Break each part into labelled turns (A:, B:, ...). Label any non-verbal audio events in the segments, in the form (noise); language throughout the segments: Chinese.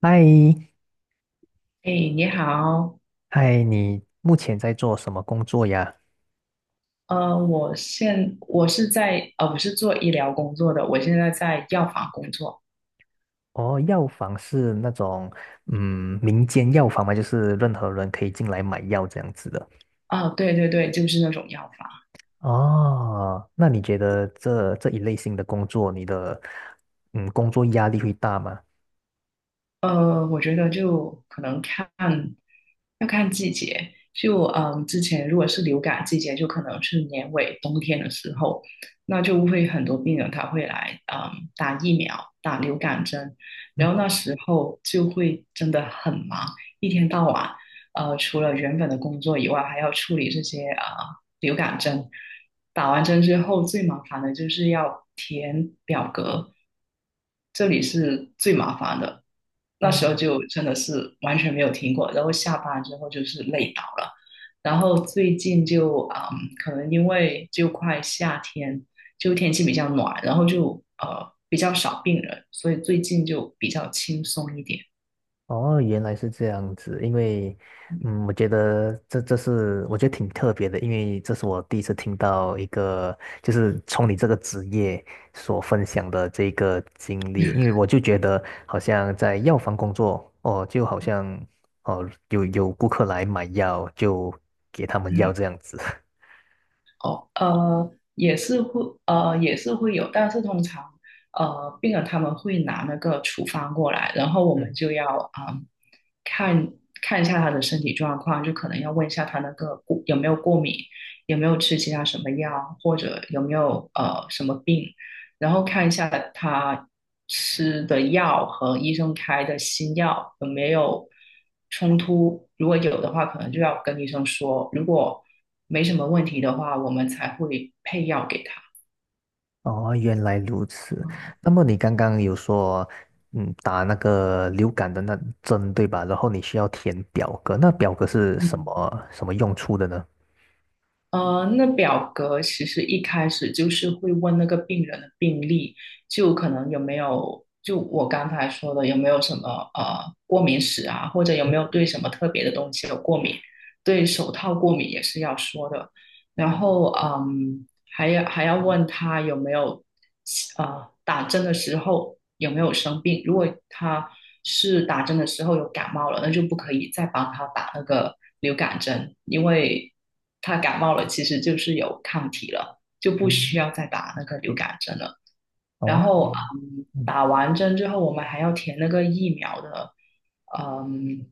A: 嗨，
B: 哎，你好，
A: 嗨，你目前在做什么工作呀？
B: 呃，我现我是在呃，我是做医疗工作的，我现在在药房工作。
A: 哦，药房是那种民间药房吗？就是任何人可以进来买药这样子的。
B: 啊，对对对，就是那种药房。
A: 哦，那你觉得这一类型的工作，你的工作压力会大吗？
B: 我觉得就可能看，要看季节。之前如果是流感季节，就可能是年尾冬天的时候，那就会很多病人他会来打疫苗、打流感针，然后那
A: 嗯。
B: 时候就会真的很忙，一天到晚，除了原本的工作以外，还要处理这些流感针。打完针之后，最麻烦的就是要填表格，这里是最麻烦的。那时候
A: 哦。
B: 就真的是完全没有听过，然后下班之后就是累倒了，然后最近,可能因为就快夏天，就天气比较暖，然后就比较少病人，所以最近就比较轻松一点，
A: 哦，原来是这样子，因为，嗯，我觉得这是我觉得挺特别的，因为这是我第一次听到一个就是从你这个职业所分享的这个经历，因为我就觉得好像在药房工作，哦，就好像哦有顾客来买药就给他们药
B: 嗯。
A: 这样子。(laughs)
B: 哦，也是会，也是会有，但是通常，病人他们会拿那个处方过来，然后我们
A: 嗯。
B: 就要，看看一下他的身体状况，就可能要问一下他那个过有没有过敏，有没有吃其他什么药，或者有没有什么病，然后看一下他吃的药和医生开的新药有没有冲突，如果有的话，可能就要跟医生说，如果没什么问题的话，我们才会配药给他。
A: 哦，原来如此。那么你刚刚有说，嗯，打那个流感的那针，对吧？然后你需要填表格，那表格是什
B: 嗯。
A: 么什么用处的呢？
B: 那表格其实一开始就是会问那个病人的病历，就可能有没有，就我刚才说的有没有什么过敏史啊，或者有没有对什么特别的东西有过敏，对手套过敏也是要说的。然后,还要问他有没有打针的时候有没有生病。如果他是打针的时候有感冒了，那就不可以再帮他打那个流感针，因为他感冒了其实就是有抗体了，就不需
A: 嗯。
B: 要再打那个流感针了。然
A: 哦。
B: 后嗯，
A: 嗯。
B: 打完针之后，我们还要填那个疫苗的，嗯，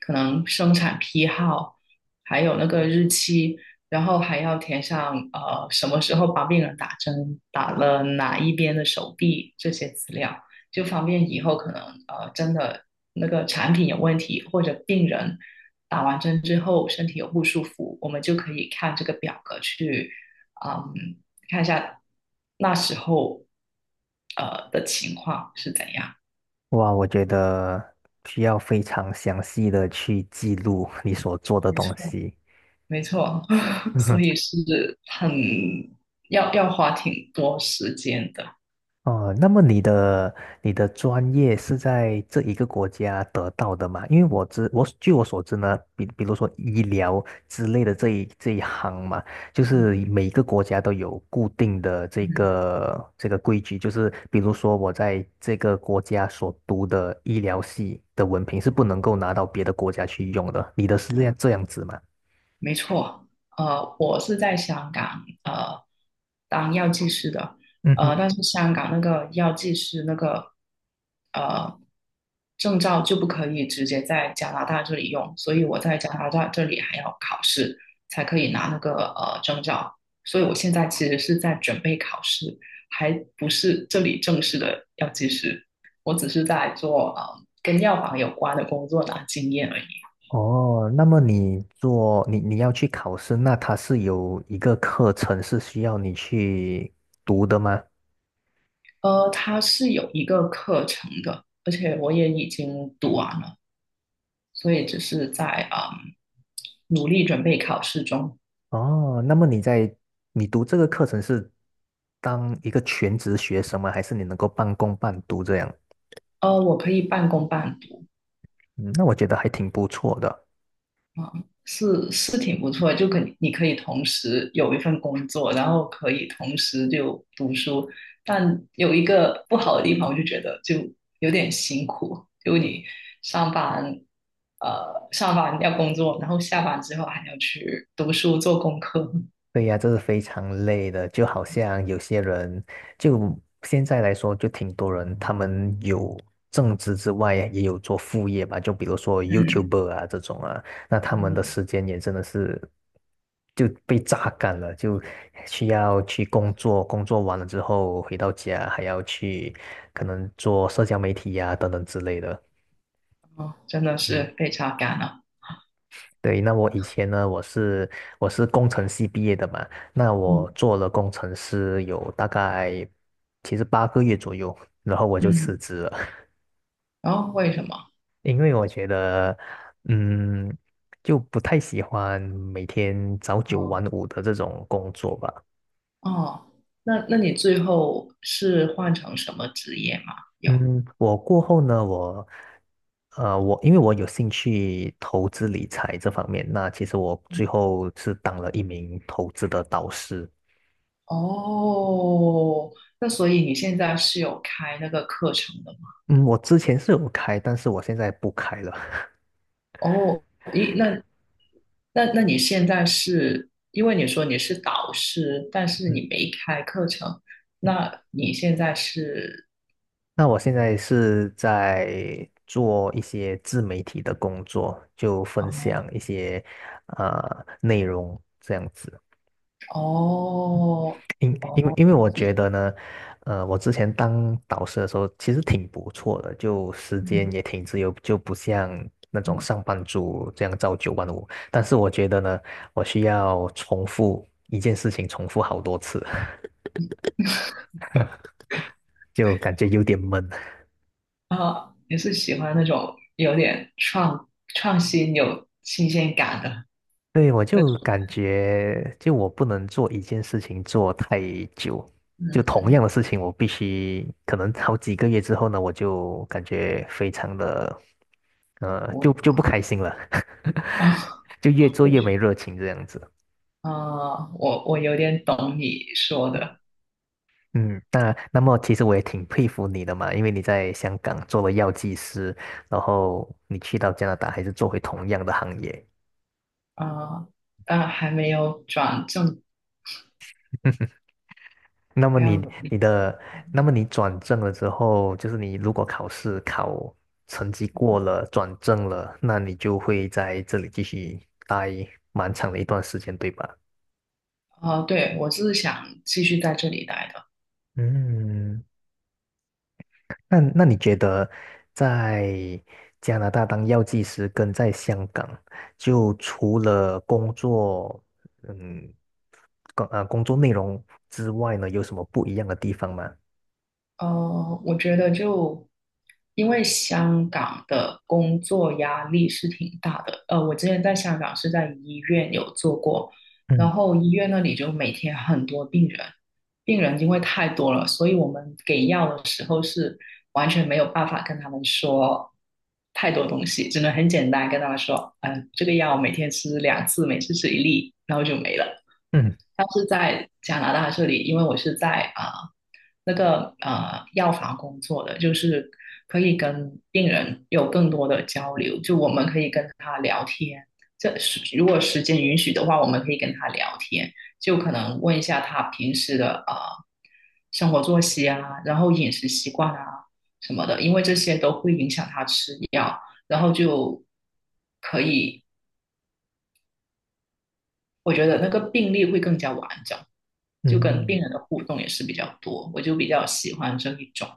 B: 可能生产批号，还有那个日期，然后还要填上什么时候帮病人打针，打了哪一边的手臂这些资料，就方便以后可能真的那个产品有问题，或者病人打完针之后身体有不舒服，我们就可以看这个表格去。嗯。看一下那时候的情况是怎样。
A: 哇，我觉得需要非常详细的去记录你所做的
B: 没
A: 东
B: 错，
A: 西。
B: 没错，(laughs) 所以
A: (laughs)
B: 是很要花挺多时间的。
A: 哦，那么你的你的专业是在这一个国家得到的吗？因为我据我所知呢，比如说医疗之类的这一行嘛，就是
B: 嗯。
A: 每个国家都有固定的
B: 嗯，
A: 这个规矩，就是比如说我在这个国家所读的医疗系的文凭是不能够拿到别的国家去用的。你的是这样子吗？
B: 没错，我是在香港当药剂师的，但是香港那个药剂师那个呃证照就不可以直接在加拿大这里用，所以我在加拿大这里还要考试才可以拿那个证照，所以我现在其实是在准备考试，还不是这里正式的药剂师，我只是在做跟药房有关的工作拿经验而已。
A: 哦，那么你做你你要去考试，那它是有一个课程是需要你去读的吗？
B: 它是有一个课程的，而且我也已经读完了，所以只是在努力准备考试中。
A: 哦，那么你读这个课程是当一个全职学生吗？还是你能够半工半读这样？
B: 我可以半工半读，
A: 嗯，那我觉得还挺不错的。
B: 是挺不错的，就你可以同时有一份工作，然后可以同时就读书。但有一个不好的地方，我就觉得就有点辛苦，就你上班。上班要工作，然后下班之后还要去读书做功课。
A: 对呀，这是非常累的，就好像有些人，就现在来说，就挺多人，他们有正职之外，也有做副业吧，就比如说
B: 嗯。
A: YouTuber 啊这种啊，那他们的
B: 嗯。
A: 时间也真的是就被榨干了，就需要去工作，工作完了之后回到家还要去可能做社交媒体呀、等等之类的。
B: 真的
A: 嗯。
B: 是被榨干了。
A: 对，那我以前呢，我是工程系毕业的嘛，那
B: 嗯。
A: 我做了工程师有大概其实八个月左右，然后我就辞
B: 嗯，
A: 职了。(laughs)
B: 然后为什么？
A: 因为我觉得，嗯，就不太喜欢每天早九
B: 哦。
A: 晚五的这种工作吧。
B: 哦，那那你最后是换成什么职业吗？有。
A: 嗯，我过后呢，我，我因为我有兴趣投资理财这方面，那其实我
B: 嗯。
A: 最后是当了一名投资的导师。
B: 哦，那所以你现在是有开那个课程的吗？
A: 嗯，我之前是有开，但是我现在不开了。
B: 哦，咦，那你现在是因为你说你是导师，但
A: (laughs)
B: 是
A: 嗯
B: 你没开课程，
A: 嗯，
B: 那你现在是。
A: 那我现在是在做一些自媒体的工作，就分享一
B: 哦。
A: 些内容这样子。
B: 哦。
A: 因为
B: 哦，
A: 因为我觉得呢，我之前当导师的时候其实挺不错的，就时
B: 嗯。
A: 间
B: 嗯。
A: 也挺自由，就不像那种
B: 嗯
A: 上班族这样朝九晚五。但是我觉得呢，我需要重复一件事情，重复好多次。(laughs) 就感觉有点闷。
B: 啊，后也是喜欢那种有点创新、有新鲜感的
A: 对，我
B: 那
A: 就
B: 种
A: 感
B: 人。
A: 觉，就我不能做一件事情做太久，就
B: 嗯，
A: 同样的事情，我必须可能好几个月之后呢，我就感觉非常的，
B: 我。
A: 就不开心了。
B: 啊，
A: (laughs) 就越做
B: 我
A: 越
B: 觉。
A: 没热情这样子。
B: 啊，我有点懂你说的。
A: 嗯，那那么其实我也挺佩服你的嘛，因为你在香港做了药剂师，然后你去到加拿大还是做回同样的行业，
B: 啊，但还没有转正，
A: 那么
B: 还
A: 你
B: 要有。
A: 你的，那么你转正了之后，就是你如果考试考成绩过了，转正了，那你就会在这里继续待蛮长的一段时间，对吧？
B: 啊，哦对，我是想继续在这里待的。
A: 嗯，那你觉得在加拿大当药剂师跟在香港，就除了工作，嗯，工作内容之外呢，有什么不一样的地方吗？
B: 我觉得就因为香港的工作压力是挺大的。我之前在香港是在医院有做过，然
A: 嗯。
B: 后医院那里就每天很多病人，病人因为太多了，所以我们给药的时候是完全没有办法跟他们说太多东西，只能很简单跟他们说，这个药每天吃两次，每次吃一粒，然后就没了。
A: 嗯。
B: 像是在加拿大这里，因为我是在那个药房工作的，就是可以跟病人有更多的交流，就我们可以跟他聊天。这是如果时间允许的话，我们可以跟他聊天，就可能问一下他平时的啊生活作息啊，然后饮食习惯啊什么的，因为这些都会影响他吃药，然后就可以我觉得那个病例会更加完整，就跟
A: 嗯。
B: 病人的互动也是比较多，我就比较喜欢这一种。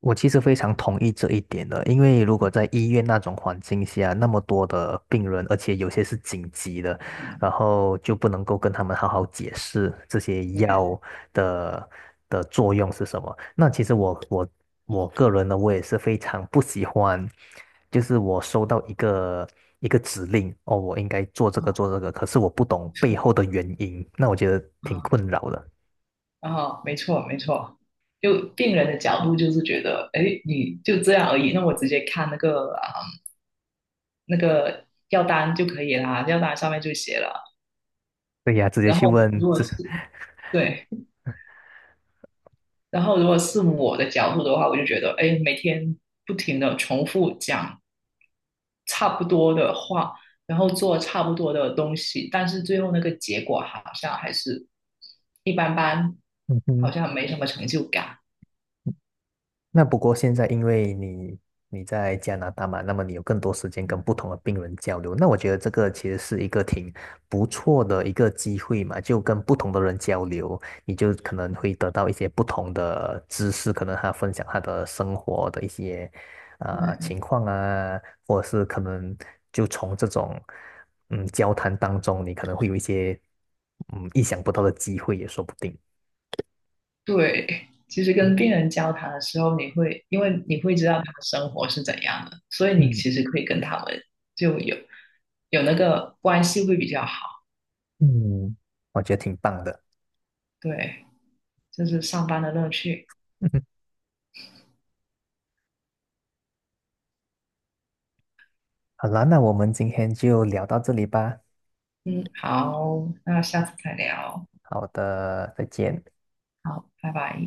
A: 我其实非常同意这一点的，因为如果在医院那种环境下，那么多的病人，而且有些是紧急的，
B: 嗯，
A: 然后就不能够跟他们好好解释这些
B: 对，
A: 药的的作用是什么。那其实我个人呢，我也是非常不喜欢，就是我收到一个指令，哦，我应该做这
B: 啊。
A: 个，可是我不懂背后的原因，那我觉得挺
B: 啊。
A: 困扰的。
B: 啊，没错没错，就病人的角度就是觉得，哎，你就这样而已，那我直接看那个那个药单就可以啦，药单上面就写了。
A: 对呀，直接
B: 然
A: 去
B: 后
A: 问
B: 如果
A: 这。
B: 是。对，然后如果是我的角度的话，我就觉得，哎，每天不停的重复讲差不多的话，然后做差不多的东西，但是最后那个结果好像还是一般般，好
A: (laughs)
B: 像没什么成就感。
A: 那不过现在因为你在加拿大嘛，那么你有更多时间跟不同的病人交流，那我觉得这个其实是一个挺不错的一个机会嘛，就跟不同的人交流，你就可能会得到一些不同的知识，可能他分享他的生活的一些
B: 对。
A: 情况啊，或者是可能就从这种交谈当中，你可能会有一些意想不到的机会也说不定。
B: 对，其实
A: 嗯。
B: 跟病人交谈的时候，你会因为你会知道他的生活是怎样的，所以你
A: 嗯。
B: 其实可以跟他们就有那个关系会比较好。
A: 嗯，我觉得挺棒的。
B: 对，这是上班的乐趣。
A: (laughs) 好啦，那我们今天就聊到这里吧。
B: 嗯，好，那下次再聊。
A: 好的，再见。
B: 好，拜拜。